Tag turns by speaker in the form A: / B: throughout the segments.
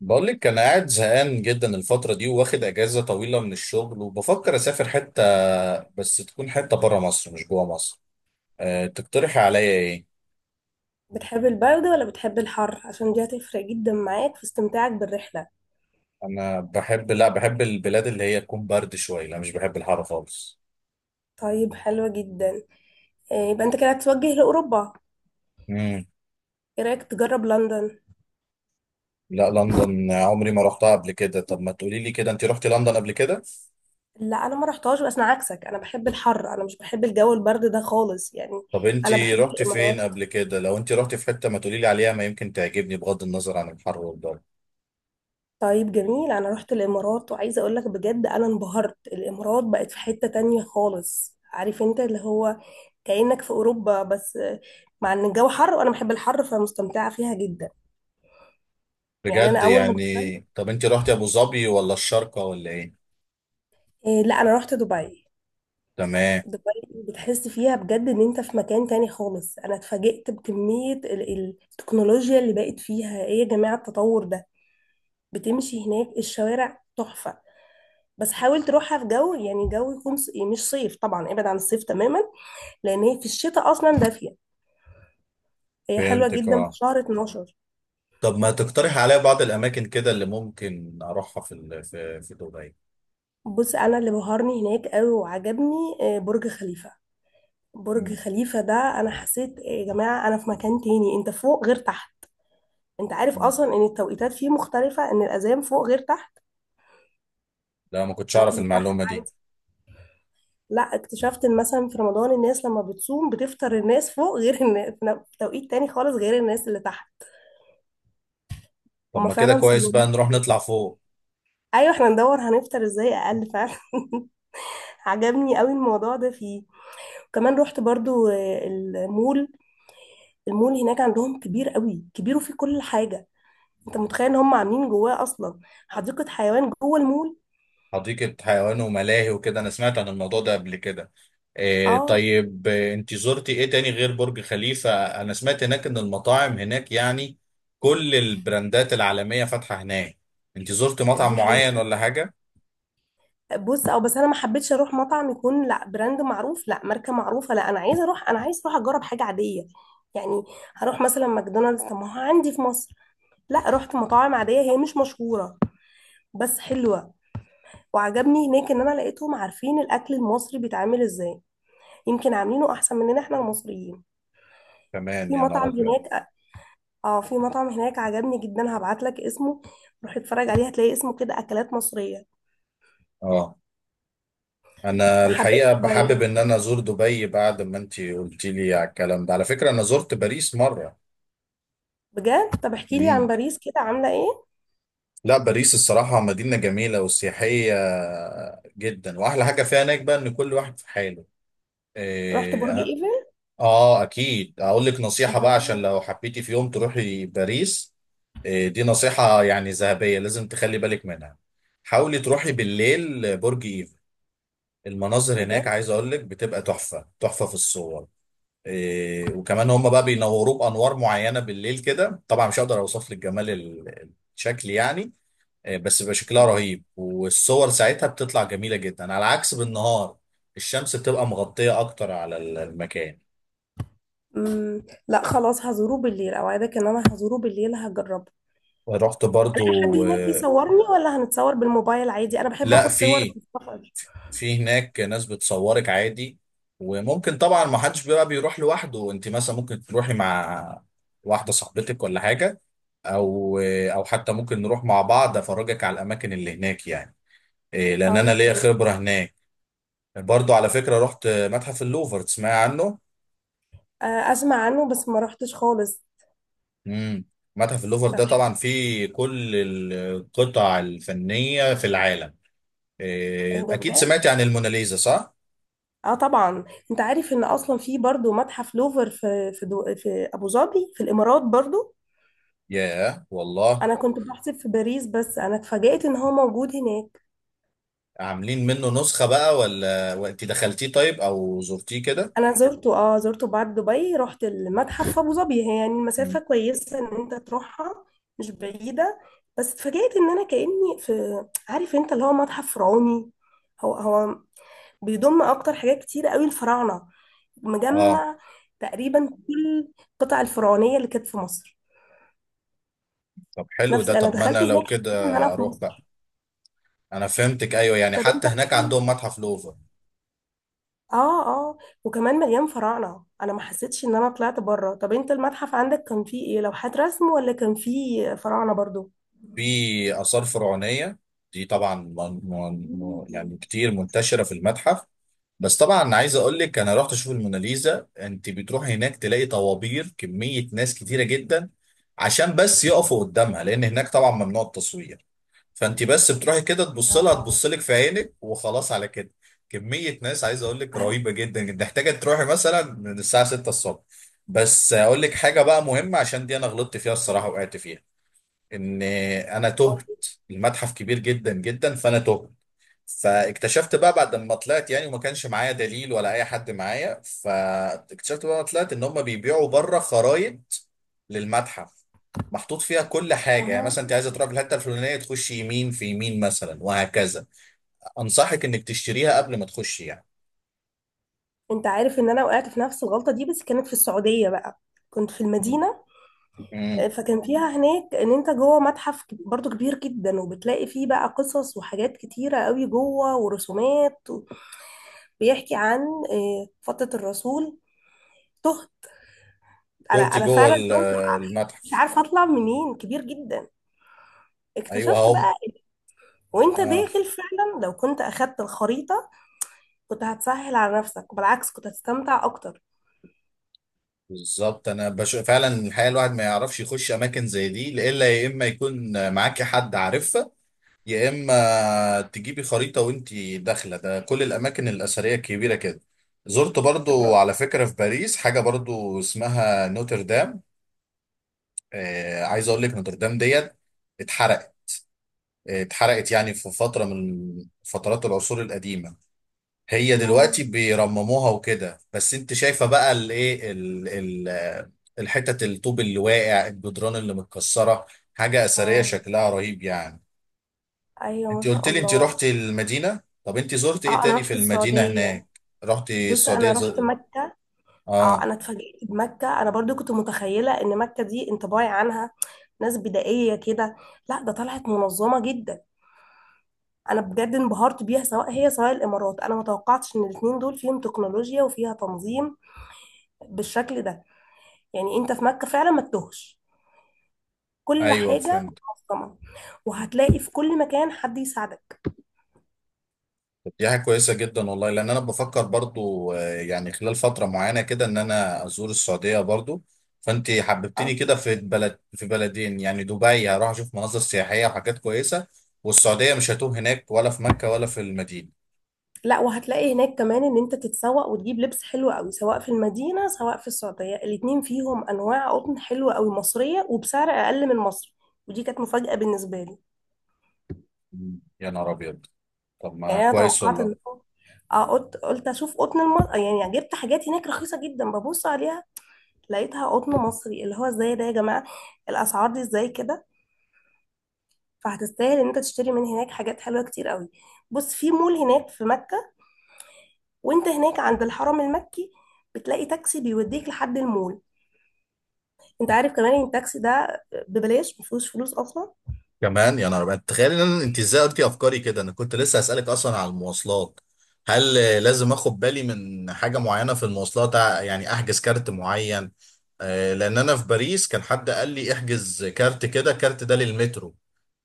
A: بقول لك انا قاعد زهقان جدا الفتره دي، واخد اجازه طويله من الشغل وبفكر اسافر حته. بس تكون حته بره مصر مش جوه مصر. تقترحي عليا ايه؟
B: بتحب البرد ولا بتحب الحر؟ عشان دي هتفرق جدا معاك في استمتاعك بالرحلة.
A: انا بحب، لا، بحب البلاد اللي هي تكون برد شويه. لا، مش بحب الحر خالص.
B: طيب، حلوة جدا. إيه، يبقى انت كده هتتوجه لأوروبا؟
A: امم
B: ايه رأيك تجرب لندن؟
A: لا، لندن عمري ما رحتها قبل كده. طب ما تقولي لي كده، انت رحتي لندن قبل كده؟
B: لا، انا ما رحتهاش، بس انا عكسك، انا بحب الحر، انا مش بحب الجو البرد ده خالص يعني.
A: طب انت
B: انا بحب
A: رحتي فين
B: الامارات.
A: قبل كده؟ لو انت رحتي في حته ما تقولي لي عليها، ما يمكن تعجبني بغض النظر عن الحر والجو.
B: طيب جميل، انا رحت الامارات وعايزه اقول لك بجد انا انبهرت. الامارات بقت في حتة تانية خالص، عارف انت اللي هو، كأنك في اوروبا بس. مع ان الجو حر وانا بحب الحر، فمستمتعه فيها جدا. يعني انا
A: بجد
B: اول ما
A: يعني.
B: دخلت.
A: طب انت رحتي ابو ظبي ولا الشارقه ولا ايه؟
B: إيه، لا انا رحت دبي.
A: تمام،
B: دبي. بتحس فيها بجد ان انت في مكان تاني خالص. انا اتفاجئت بكمية التكنولوجيا اللي بقت فيها، ايه يا جماعة التطور ده! بتمشي هناك، الشوارع تحفة. بس حاول تروحها في جو، يعني جو يكون يعني مش صيف، طبعا ابعد عن الصيف تماما. لان هي في الشتاء اصلا دافية. هي حلوة
A: فهمتك.
B: جدا في
A: اه،
B: شهر 12.
A: طب ما تقترح عليا بعض الاماكن كده اللي ممكن اروحها في ال- في في دبي.
B: بص، انا اللي بهرني هناك قوي وعجبني برج خليفة. برج
A: مم.
B: خليفة ده، انا حسيت إيه يا جماعة! انا في مكان تاني، انت فوق غير تحت. انت عارف
A: مم.
B: اصلا ان التوقيتات فيه مختلفة، ان الاذان فوق غير تحت.
A: لا، ما كنتش
B: انا
A: اعرف
B: كنت بحسب
A: المعلومه دي.
B: عادي. لا، اكتشفت ان مثلا في رمضان الناس لما بتصوم بتفطر، الناس فوق غير الناس، في توقيت تاني خالص غير الناس اللي تحت.
A: طب
B: هما
A: ما كده
B: فعلا
A: كويس،
B: صلوا.
A: بقى نروح نطلع فوق.
B: ايوه، احنا ندور هنفطر ازاي اقل فعلا. عجبني قوي الموضوع ده فيه. وكمان رحت برضو المول. المول هناك عندهم كبير قوي، كبير وفيه كل حاجة. انت متخيل ان هم عاملين جواه اصلا حديقة حيوان جوه المول!
A: حديقه حيوان وملاهي وكده، انا سمعت عن الموضوع ده قبل كده. إيه
B: اه،
A: طيب، انت زرتي ايه تاني غير برج خليفه؟ انا سمعت هناك ان المطاعم هناك، يعني كل البراندات العالميه فاتحه هناك. انت زرتي مطعم
B: دي
A: معين
B: حقيقة.
A: ولا حاجه؟
B: بص، بس انا ما حبيتش اروح مطعم يكون لا براند معروف، لا ماركه معروفه، لا، انا عايزه اروح اجرب حاجه عاديه. يعني، هروح مثلا ماكدونالدز؟ طب ما هو عندي في مصر. لا، رحت مطاعم عاديه هي مش مشهوره، بس حلوه. وعجبني هناك ان انا لقيتهم عارفين الاكل المصري بيتعمل ازاي، يمكن عاملينه احسن مننا احنا المصريين.
A: كمان
B: في
A: يا نهار
B: مطعم
A: ابيض.
B: هناك، اه، في مطعم هناك عجبني جدا، هبعت لك اسمه، روح اتفرج عليه، هتلاقي اسمه كده اكلات مصريه.
A: اه، انا
B: ما حبيتش
A: الحقيقه
B: اغير.
A: بحابب ان انا ازور دبي بعد ما انتي قلتي لي على الكلام ده. على فكره انا زرت باريس مره.
B: بجد؟ طب احكي لي عن
A: مم.
B: باريس كده، عامله ايه؟
A: لا، باريس الصراحه مدينه جميله وسياحيه جدا، واحلى حاجه فيها هناك بقى ان كل واحد في حاله.
B: رحت برج
A: إيه
B: ايفل؟
A: اه اكيد، اقول لك نصيحه بقى عشان
B: أها.
A: لو حبيتي في يوم تروحي باريس. إيه، دي نصيحه يعني ذهبيه، لازم تخلي بالك منها. حاولي تروحي بالليل برج ايفل، المناظر هناك
B: بجد؟
A: عايز اقول لك بتبقى تحفه تحفه في الصور. إيه، وكمان هم بقى بينوروه بانوار معينه بالليل كده، طبعا مش هقدر اوصف لك جمال الشكل يعني. إيه، بس بيبقى شكلها
B: أها.
A: رهيب والصور ساعتها بتطلع جميله جدا على عكس بالنهار. الشمس بتبقى مغطيه اكتر على المكان.
B: مم. لا خلاص هزوره بالليل، اوعدك ان انا هزوره بالليل هجربه.
A: رحت
B: الاقي حد
A: برضو
B: هناك يصورني ولا هنتصور بالموبايل عادي؟ انا بحب
A: لا،
B: اخد صور
A: في
B: في السفر.
A: في هناك ناس بتصورك عادي. وممكن طبعا، ما حدش بقى بيروح لوحده، انت مثلا ممكن تروحي مع واحده صاحبتك ولا حاجه، او حتى ممكن نروح مع بعض، افرجك على الاماكن اللي هناك، يعني إيه، لان انا
B: طيب
A: ليا
B: تمام.
A: خبره هناك. برضو على فكره رحت متحف اللوفر، تسمعي عنه؟
B: آه، اسمع عنه، بس ما رحتش خالص.
A: امم متحف اللوفر
B: طب،
A: ده طبعا فيه كل القطع الفنيه في العالم. إيه،
B: ايه ده
A: اكيد سمعتي
B: بجد!
A: عن الموناليزا، صح؟
B: اه طبعا. انت عارف ان اصلا في برضو متحف لوفر في في ابو ظبي، في الامارات برضو.
A: ياه والله،
B: انا كنت بحسب في باريس، بس انا اتفاجئت ان هو موجود هناك.
A: عاملين منه نسخة بقى ولا وانت دخلتيه؟ طيب او زرتيه كده؟
B: انا زرته. اه زرته بعد دبي، رحت المتحف في ابو ظبي، هي يعني المسافه
A: مم.
B: كويسه ان انت تروحها، مش بعيده. بس اتفاجئت ان انا كاني في، عارف انت اللي هو، متحف فرعوني. هو هو، بيضم اكتر حاجات كتيره قوي، الفراعنه،
A: اه
B: مجمع تقريبا كل القطع الفرعونيه اللي كانت في مصر.
A: طب حلو
B: نفس،
A: ده،
B: انا
A: طب ما
B: دخلت
A: انا لو
B: هناك
A: كده
B: حسيت ان انا في
A: اروح بقى.
B: مصر.
A: انا فهمتك، ايوه، يعني
B: طب انت،
A: حتى هناك عندهم متحف لوفر.
B: اه، وكمان مليان فراعنة، انا ما حسيتش ان انا طلعت بره. طب انت المتحف عندك كان فيه ايه؟ لوحات رسم ولا كان فيه فراعنة برضو؟
A: في آثار فرعونية، دي طبعا
B: مم.
A: يعني كتير منتشرة في المتحف. بس طبعا عايز اقول لك انا رحت اشوف الموناليزا، انت بتروح هناك تلاقي طوابير، كمية ناس كتيرة جدا، عشان بس يقفوا قدامها، لان هناك طبعا ممنوع التصوير. فانت بس بتروحي كده، تبص لها،
B: اه.
A: تبص لك في عينك، وخلاص على كده. كمية ناس عايز اقول لك رهيبة جدا جدا، محتاجة تروحي مثلا من الساعة 6 الصبح. بس اقول لك حاجة بقى مهمة، عشان دي انا غلطت فيها الصراحة، وقعت فيها، ان انا
B: آه.
A: تهت. المتحف كبير جدا جدا، فانا تهت. فاكتشفت بقى بعد ما طلعت يعني، وما كانش معايا دليل ولا اي حد معايا، فاكتشفت بقى ما طلعت ان هم بيبيعوا بره خرايط للمتحف، محطوط فيها كل حاجه. يعني
B: اها.
A: مثلا انت عايزه تروح في الحته الفلانيه، تخش يمين في يمين مثلا، وهكذا. انصحك انك تشتريها قبل ما تخش يعني.
B: انت عارف ان انا وقعت في نفس الغلطة دي، بس كانت في السعودية بقى. كنت في المدينة.
A: امم
B: فكان فيها هناك ان انت جوه متحف برضو كبير جدا، وبتلاقي فيه بقى قصص وحاجات كتيرة قوي جوه ورسومات بيحكي عن فترة الرسول. تهت، انا
A: دوتي
B: انا
A: جوه
B: فعلا تهت، مش
A: المتحف.
B: عارفة اطلع منين، كبير جدا.
A: ايوه
B: اكتشفت
A: هم.
B: بقى وانت
A: اه
B: داخل فعلا لو كنت اخدت الخريطة، كنت هتسهل على نفسك وبالعكس كنت هتستمتع اكتر.
A: بالظبط، انا فعلا الحقيقه الواحد ما يعرفش يخش اماكن زي دي، الا يا اما يكون معاك حد عارفها، يا اما تجيبي خريطه وانتي داخله. ده كل الاماكن الاثريه الكبيره كده. زرت
B: طب
A: برضو على فكره في باريس حاجه برضو اسمها نوتردام. عايز اقول لك، نوتردام ديت اتحرقت. اتحرقت يعني في فتره من فترات العصور القديمه. هي
B: ياه.
A: دلوقتي بيرمموها وكده، بس انت شايفه بقى الايه، الحتت، الطوب اللي واقع، الجدران اللي متكسره، حاجه اثريه
B: اه،
A: شكلها رهيب يعني.
B: ايوه ما
A: انت قلت
B: شاء
A: لي انت
B: الله.
A: رحت المدينة، طب انت زرت ايه
B: اه، انا
A: تاني في
B: رحت
A: المدينة
B: السعودية.
A: هناك؟ رحت
B: بص، انا
A: السعودية
B: رحت مكة. اه،
A: اه
B: انا اتفاجئت بمكة. انا برضو كنت متخيلة ان مكة دي انطباعي عنها ناس بدائية كده، لا ده طلعت منظمة جدا. انا بجد انبهرت بيها، سواء هي سواء الامارات، انا ما توقعتش ان الاتنين دول فيهم تكنولوجيا وفيها تنظيم بالشكل ده. يعني انت في مكة فعلا ما تتوهش، كل
A: ايوه
B: حاجة
A: فهمت.
B: منظمة، وهتلاقي في كل مكان حد يساعدك.
A: طب دي حاجة كويسة جدا والله، لان انا بفكر برضو يعني خلال فترة معينة كده، ان انا ازور السعودية برضو. فانت
B: اه.
A: حببتني كده في بلد، في بلدين يعني. دبي هروح اشوف مناظر سياحية وحاجات كويسة، والسعودية مش هتوه هناك ولا في مكة ولا في المدينة.
B: لا، وهتلاقي هناك كمان ان انت تتسوق وتجيب لبس حلو قوي، سواء في المدينة سواء في السعودية، الاتنين فيهم انواع قطن حلوة قوي مصرية وبسعر اقل من مصر. ودي كانت مفاجأة بالنسبة لي.
A: مم. يا نهار ابيض، طب ما
B: يعني انا
A: كويس
B: توقعت
A: والله.
B: ان، اه، قلت اشوف قطن يعني جبت حاجات هناك رخيصة جدا، ببص عليها لقيتها قطن مصري، اللي هو ازاي ده يا جماعة؟ الاسعار دي ازاي كده؟ فهتستاهل ان انت تشتري من هناك حاجات حلوه كتير قوي. بص، في مول هناك في مكه، وانت هناك عند الحرم المكي، بتلاقي تاكسي بيوديك لحد المول. انت عارف كمان ان التاكسي ده ببلاش، مفيهوش فلوس اصلا.
A: كمان يا نهار أبيض، تخيل ان انت ازاي قلتي افكاري كده، انا كنت لسه هسألك اصلا على المواصلات. هل لازم اخد بالي من حاجة معينة في المواصلات، يعني احجز كارت معين؟ لان انا في باريس كان حد قال لي احجز كارت كده، الكارت ده للمترو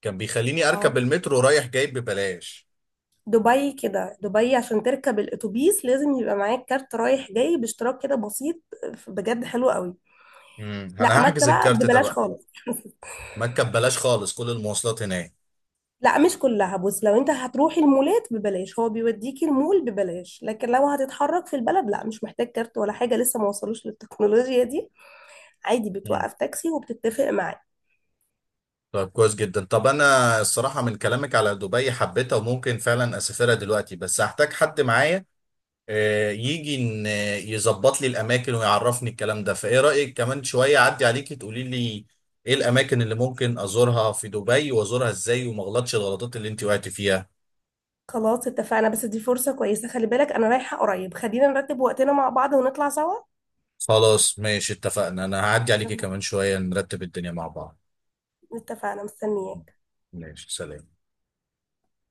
A: كان بيخليني اركب
B: اه،
A: المترو رايح جاي ببلاش.
B: دبي كده، دبي عشان تركب الاتوبيس لازم يبقى معاك كارت رايح جاي باشتراك كده بسيط، بجد حلو قوي. لا،
A: انا
B: مكه
A: هحجز
B: بقى
A: الكارت ده
B: ببلاش
A: بقى.
B: خالص.
A: ما اركب بلاش خالص كل المواصلات هناك.
B: لا مش كلها، بص، لو انت هتروحي المولات ببلاش، هو بيوديكي المول ببلاش، لكن لو هتتحرك في البلد، لا مش محتاج كارت ولا حاجة، لسه ما وصلوش للتكنولوجيا دي. عادي
A: مم.
B: بتوقف تاكسي وبتتفق معاه.
A: طب كويس جدا. طب انا الصراحة من كلامك على دبي حبيتها وممكن فعلا اسافرها دلوقتي، بس هحتاج حد معايا يجي ان يظبط لي الاماكن ويعرفني الكلام ده. فايه رايك كمان شويه اعدي عليكي، تقولي لي ايه الاماكن اللي ممكن ازورها في دبي وازورها ازاي، وما اغلطش الغلطات اللي انت وقعتي فيها.
B: خلاص اتفقنا، بس دي فرصة كويسة، خلي بالك انا رايحة قريب، خلينا نرتب وقتنا مع بعض ونطلع سوا.
A: خلاص ماشي، اتفقنا، انا هعدي عليكي
B: اتفقنا.
A: كمان شويه نرتب الدنيا مع بعض.
B: اتفقنا، مستنياك.
A: ماشي، سلام.